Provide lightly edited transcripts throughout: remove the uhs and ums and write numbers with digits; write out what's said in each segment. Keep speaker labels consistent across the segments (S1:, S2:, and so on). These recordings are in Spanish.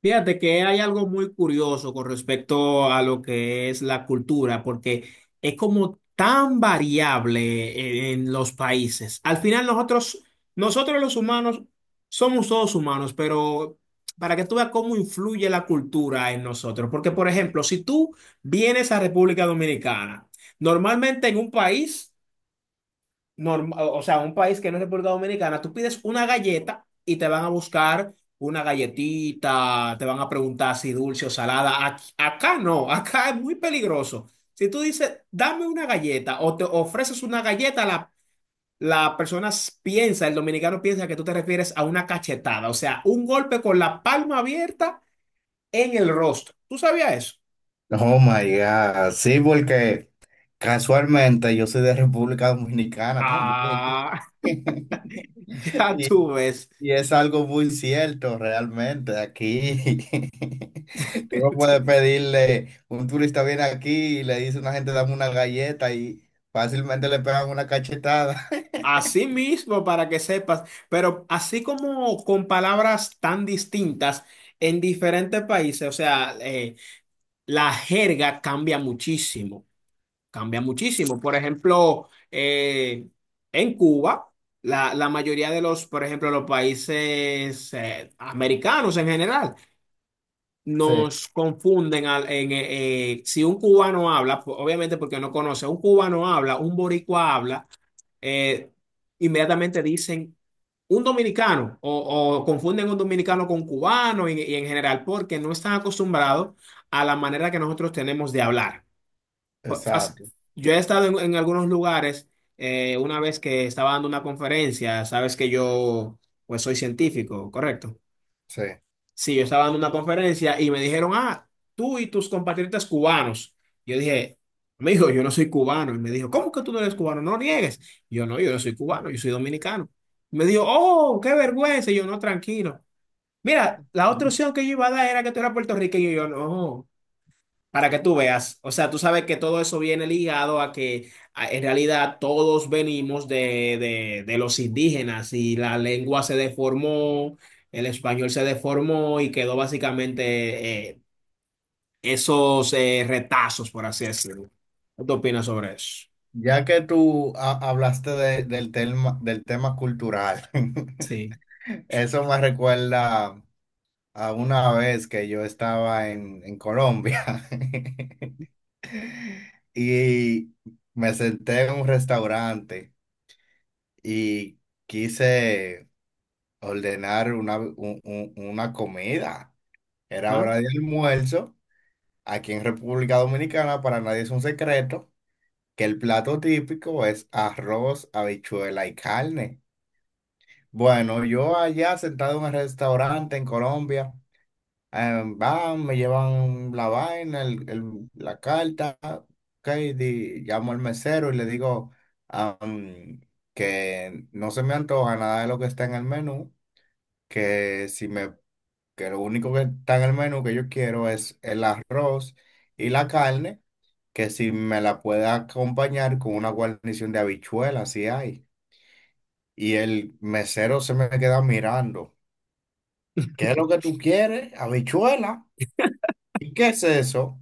S1: Fíjate que hay algo muy curioso con respecto a lo que es la cultura, porque es como tan variable en los países. Al final nosotros los humanos somos todos humanos, pero para que tú veas cómo influye la cultura en nosotros. Porque, por ejemplo, si tú vienes a República Dominicana, normalmente en un país o sea, un país que no es República Dominicana, tú pides una galleta y te van a buscar una galletita, te van a preguntar si dulce o salada. Acá no, acá es muy peligroso. Si tú dices, dame una galleta o te ofreces una galleta, la persona piensa, el dominicano piensa que tú te refieres a una cachetada, o sea, un golpe con la palma abierta en el rostro. ¿Tú sabías eso?
S2: Oh my God, sí, porque casualmente yo soy de República Dominicana también.
S1: Ah, ya
S2: Y,
S1: tú ves.
S2: y es algo muy cierto realmente aquí. Tú no puedes pedirle, un turista viene aquí y le dice a una gente dame una galleta y fácilmente le pegan una cachetada.
S1: Así mismo, para que sepas, pero así como con palabras tan distintas en diferentes países, o sea, la jerga cambia muchísimo, cambia muchísimo. Por ejemplo, en Cuba, la mayoría de los, por ejemplo, los países americanos en general,
S2: Sí,
S1: nos confunden si un cubano habla, obviamente porque no conoce, un cubano habla, un boricua habla. eh, inmediatamente dicen un dominicano o confunden un dominicano con cubano y en general porque no están acostumbrados a la manera que nosotros tenemos de hablar. Fa- fas-
S2: exacto,
S1: Yo he estado en algunos lugares, una vez que estaba dando una conferencia, sabes que yo pues soy científico, ¿correcto?
S2: sí.
S1: Sí, yo estaba dando una conferencia y me dijeron, ah, tú y tus compatriotas cubanos. Yo dije, amigo, yo no soy cubano. Y me dijo, ¿cómo que tú no eres cubano? No niegues. Yo no soy cubano, yo soy dominicano. Me dijo, oh, qué vergüenza. Y yo no, tranquilo. Mira, la otra opción que yo iba a dar era que tú eras puertorriqueño. Y yo no. Para que tú veas, o sea, tú sabes que todo eso viene ligado a que en realidad todos venimos de, de los indígenas y la lengua se deformó, el español se deformó y quedó básicamente esos retazos, por así decirlo. ¿Qué tú opinas sobre eso?
S2: Ya que hablaste del tema cultural,
S1: Sí.
S2: eso me recuerda a una vez que yo estaba en Colombia. Y me senté en un restaurante y quise ordenar una comida. Era
S1: ¿Ah?
S2: hora de almuerzo. Aquí en República Dominicana, para nadie es un secreto que el plato típico es arroz, habichuela y carne. Bueno, yo allá sentado en un restaurante en Colombia. Van, me llevan la vaina, la carta, ok, llamo al mesero y le digo am, que no se me antoja nada de lo que está en el menú, que si me, que lo único que está en el menú que yo quiero es el arroz y la carne, que si me la puede acompañar con una guarnición de habichuelas, si hay. Y el mesero se me queda mirando, ¿qué es lo que tú quieres? ¿Habichuela? ¿Y qué es eso?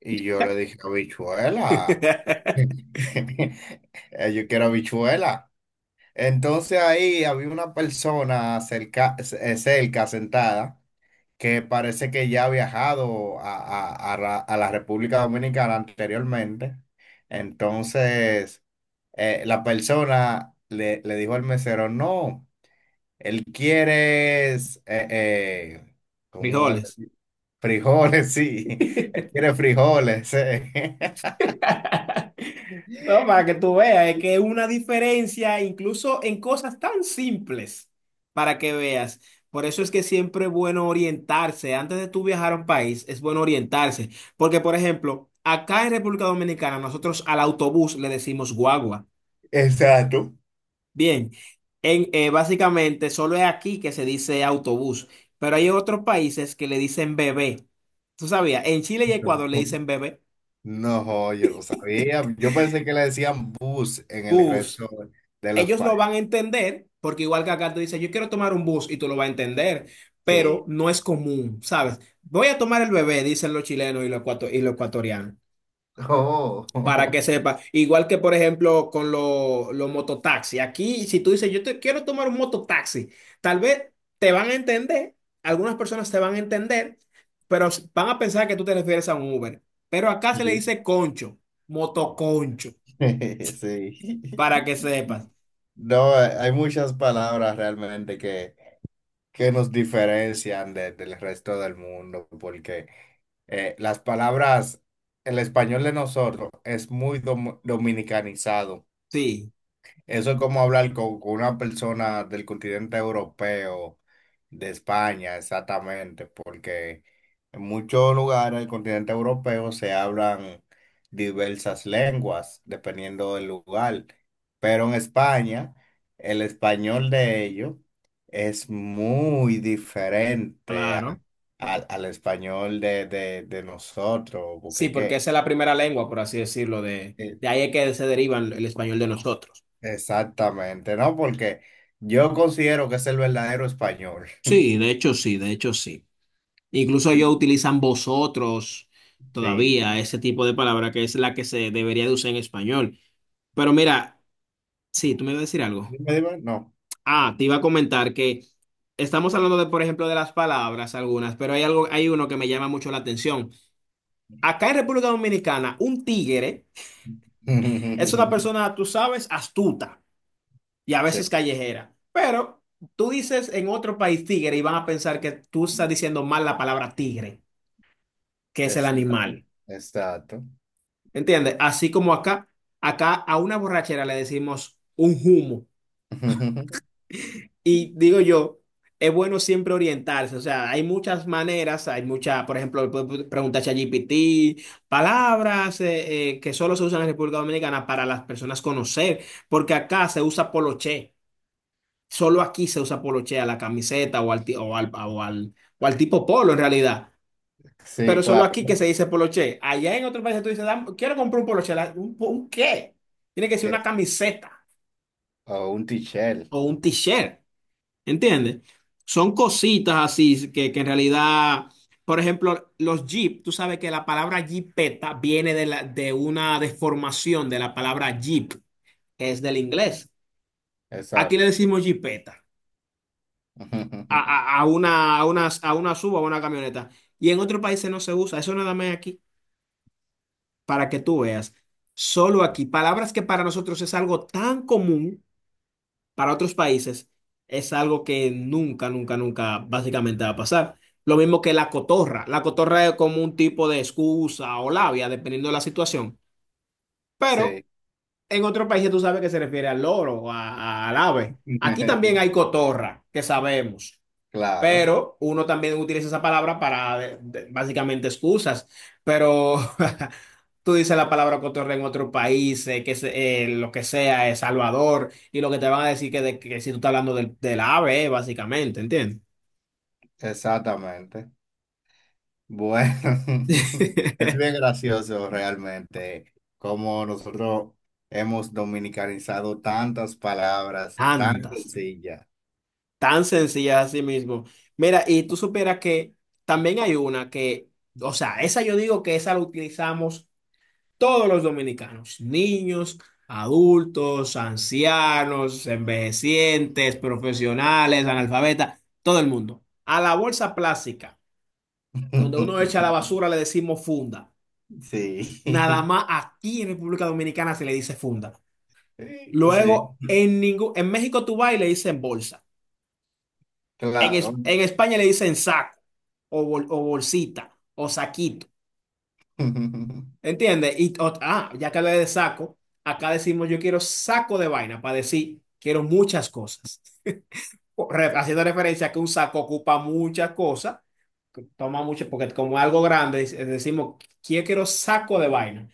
S2: Y yo le dije, habichuela. Yo quiero habichuela. Entonces ahí había una persona cerca, sentada, que parece que ya ha viajado a la República Dominicana anteriormente. Entonces, la persona le dijo al mesero, no, él quiere, es, eh, ¿cómo le-
S1: Frijoles.
S2: Frijoles, sí, él quiere frijoles,
S1: No, para que tú veas, es que es una diferencia incluso en cosas tan simples, para que veas. Por eso es que siempre es bueno orientarse. Antes de tú viajar a un país, es bueno orientarse. Porque, por ejemplo, acá en República Dominicana, nosotros al autobús le decimos guagua.
S2: Exacto.
S1: Bien, básicamente solo es aquí que se dice autobús, pero hay otros países que le dicen bebé. ¿Tú sabías? En Chile y
S2: No,
S1: Ecuador le dicen bebé.
S2: no, yo no sabía. Yo pensé que le decían bus en el
S1: Bus.
S2: resto de los
S1: Ellos lo
S2: países.
S1: van a entender, porque igual que acá tú dices, yo quiero tomar un bus y tú lo vas a entender,
S2: Sí.
S1: pero no es común, ¿sabes? Voy a tomar el bebé, dicen los chilenos y y los ecuatorianos,
S2: Oh.
S1: para que sepa. Igual que, por ejemplo, con los mototaxis. Aquí, si tú dices, yo te quiero tomar un mototaxi, tal vez te van a entender, algunas personas te van a entender, pero van a pensar que tú te refieres a un Uber. Pero acá se le
S2: Sí.
S1: dice concho, motoconcho,
S2: Sí.
S1: para que sepas.
S2: No, hay muchas palabras realmente que nos diferencian del resto del mundo, porque las palabras, el español de nosotros es muy dominicanizado.
S1: Sí,
S2: Eso es como hablar con una persona del continente europeo, de España, exactamente, porque en muchos lugares del continente europeo se hablan diversas lenguas, dependiendo del lugar, pero en España el español de ellos es muy diferente
S1: claro.
S2: al español de nosotros,
S1: Sí, porque esa es la primera lengua, por así decirlo,
S2: eh,
S1: de ahí es que se deriva el español de nosotros.
S2: exactamente, ¿no? Porque yo considero que es el verdadero español.
S1: Sí, de hecho sí, de hecho sí. Incluso ellos utilizan vosotros
S2: Sí.
S1: todavía, ese tipo de palabra que es la que se debería de usar en español. Pero mira, sí, tú me ibas a decir algo.
S2: Dime, dime, no.
S1: Ah, te iba a comentar que estamos hablando de, por ejemplo, de las palabras algunas, pero hay algo, hay uno que me llama mucho la atención. Acá en República Dominicana, un tigre es una persona, tú sabes, astuta. Y a
S2: Sí,
S1: veces callejera. Pero tú dices en otro país tigre y van a pensar que tú estás diciendo mal la palabra tigre, que es el
S2: exacto,
S1: animal.
S2: exacto.
S1: ¿Entiendes? Así como acá, acá a una borrachera le decimos un humo. Y digo yo, es bueno siempre orientarse. O sea, hay muchas maneras, hay muchas, por ejemplo, puedes preguntar a ChatGPT, palabras que solo se usan en República Dominicana para las personas conocer, porque acá se usa poloché. Solo aquí se usa poloche a la camiseta o al tipo polo en realidad.
S2: Sí,
S1: Pero solo
S2: claro,
S1: aquí que se dice poloche. Allá en otros países tú dices, quiero comprar un poloche". ¿Un, un qué? Tiene que ser
S2: que
S1: una
S2: es
S1: camiseta
S2: o un tichel,
S1: o un t-shirt. ¿Entiendes? Son cositas así que en realidad, por ejemplo, los jeep, tú sabes que la palabra jeepeta viene de una deformación de la palabra jeep, que es del inglés. Aquí le
S2: exacto.
S1: decimos jeepeta. A una suba o a una camioneta. Y en otros países no se usa, eso nada más aquí, para que tú veas. Solo aquí, palabras que para nosotros es algo tan común, para otros países es algo que nunca, nunca, nunca básicamente va a pasar. Lo mismo que la cotorra. La cotorra es como un tipo de excusa o labia, dependiendo de la situación. Pero
S2: Sí,
S1: en otros países tú sabes que se refiere al loro, al ave. Aquí también hay cotorra, que sabemos.
S2: claro,
S1: Pero uno también utiliza esa palabra para básicamente excusas, pero tú dices la palabra cotorra en otro país, lo que sea, El Salvador, y lo que te van a decir que, que si tú estás hablando del ave, básicamente, ¿entiendes?
S2: exactamente. Bueno, es bien gracioso realmente cómo nosotros hemos dominicanizado tantas palabras tan
S1: Tantas,
S2: sencillas.
S1: tan sencillas así mismo. Mira, y tú supieras que también hay una que, o sea, esa yo digo que esa la utilizamos todos los dominicanos, niños, adultos, ancianos, envejecientes, profesionales, analfabetas, todo el mundo. A la bolsa plástica, donde uno echa la basura, le decimos funda. Nada
S2: Sí,
S1: más aquí en República Dominicana se le dice funda.
S2: sí, sí,
S1: Luego, en México tú vas y le dicen bolsa.
S2: claro.
S1: En España le dicen saco o o bolsita o saquito. ¿Entiendes? Y ah, ya que hablé de saco, acá decimos yo quiero saco de vaina para decir quiero muchas cosas. Haciendo referencia a que un saco ocupa muchas cosas, que toma mucho, porque como es algo grande, decimos yo quiero saco de vaina.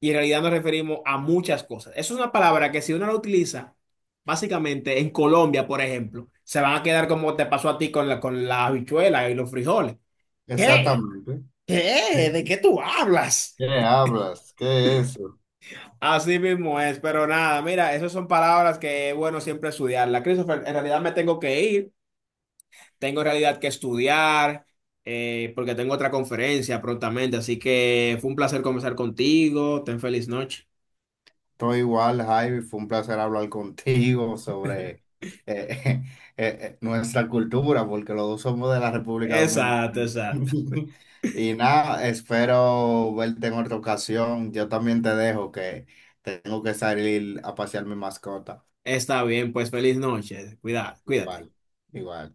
S1: Y en realidad nos referimos a muchas cosas. Eso es una palabra que si uno la utiliza, básicamente en Colombia, por ejemplo, se van a quedar como te pasó a ti con con la habichuela y los frijoles. ¿Qué?
S2: Exactamente. Sí.
S1: ¿Qué? ¿De qué tú hablas?
S2: ¿Qué hablas? ¿Qué es eso?
S1: Así mismo es, pero nada, mira, esas son palabras que es bueno siempre estudiarlas. Christopher, en realidad me tengo que ir, tengo en realidad que estudiar, porque tengo otra conferencia prontamente, así que fue un placer conversar contigo, ten feliz noche.
S2: Estoy igual, Javi. Fue un placer hablar contigo sobre eh, nuestra cultura, porque los dos somos de la República
S1: Exacto,
S2: Dominicana.
S1: exacto.
S2: Y nada, espero verte en otra ocasión. Yo también te dejo que tengo que salir a pasear mi mascota.
S1: Está bien, pues feliz noche, cuidado, cuídate.
S2: Igual, igual.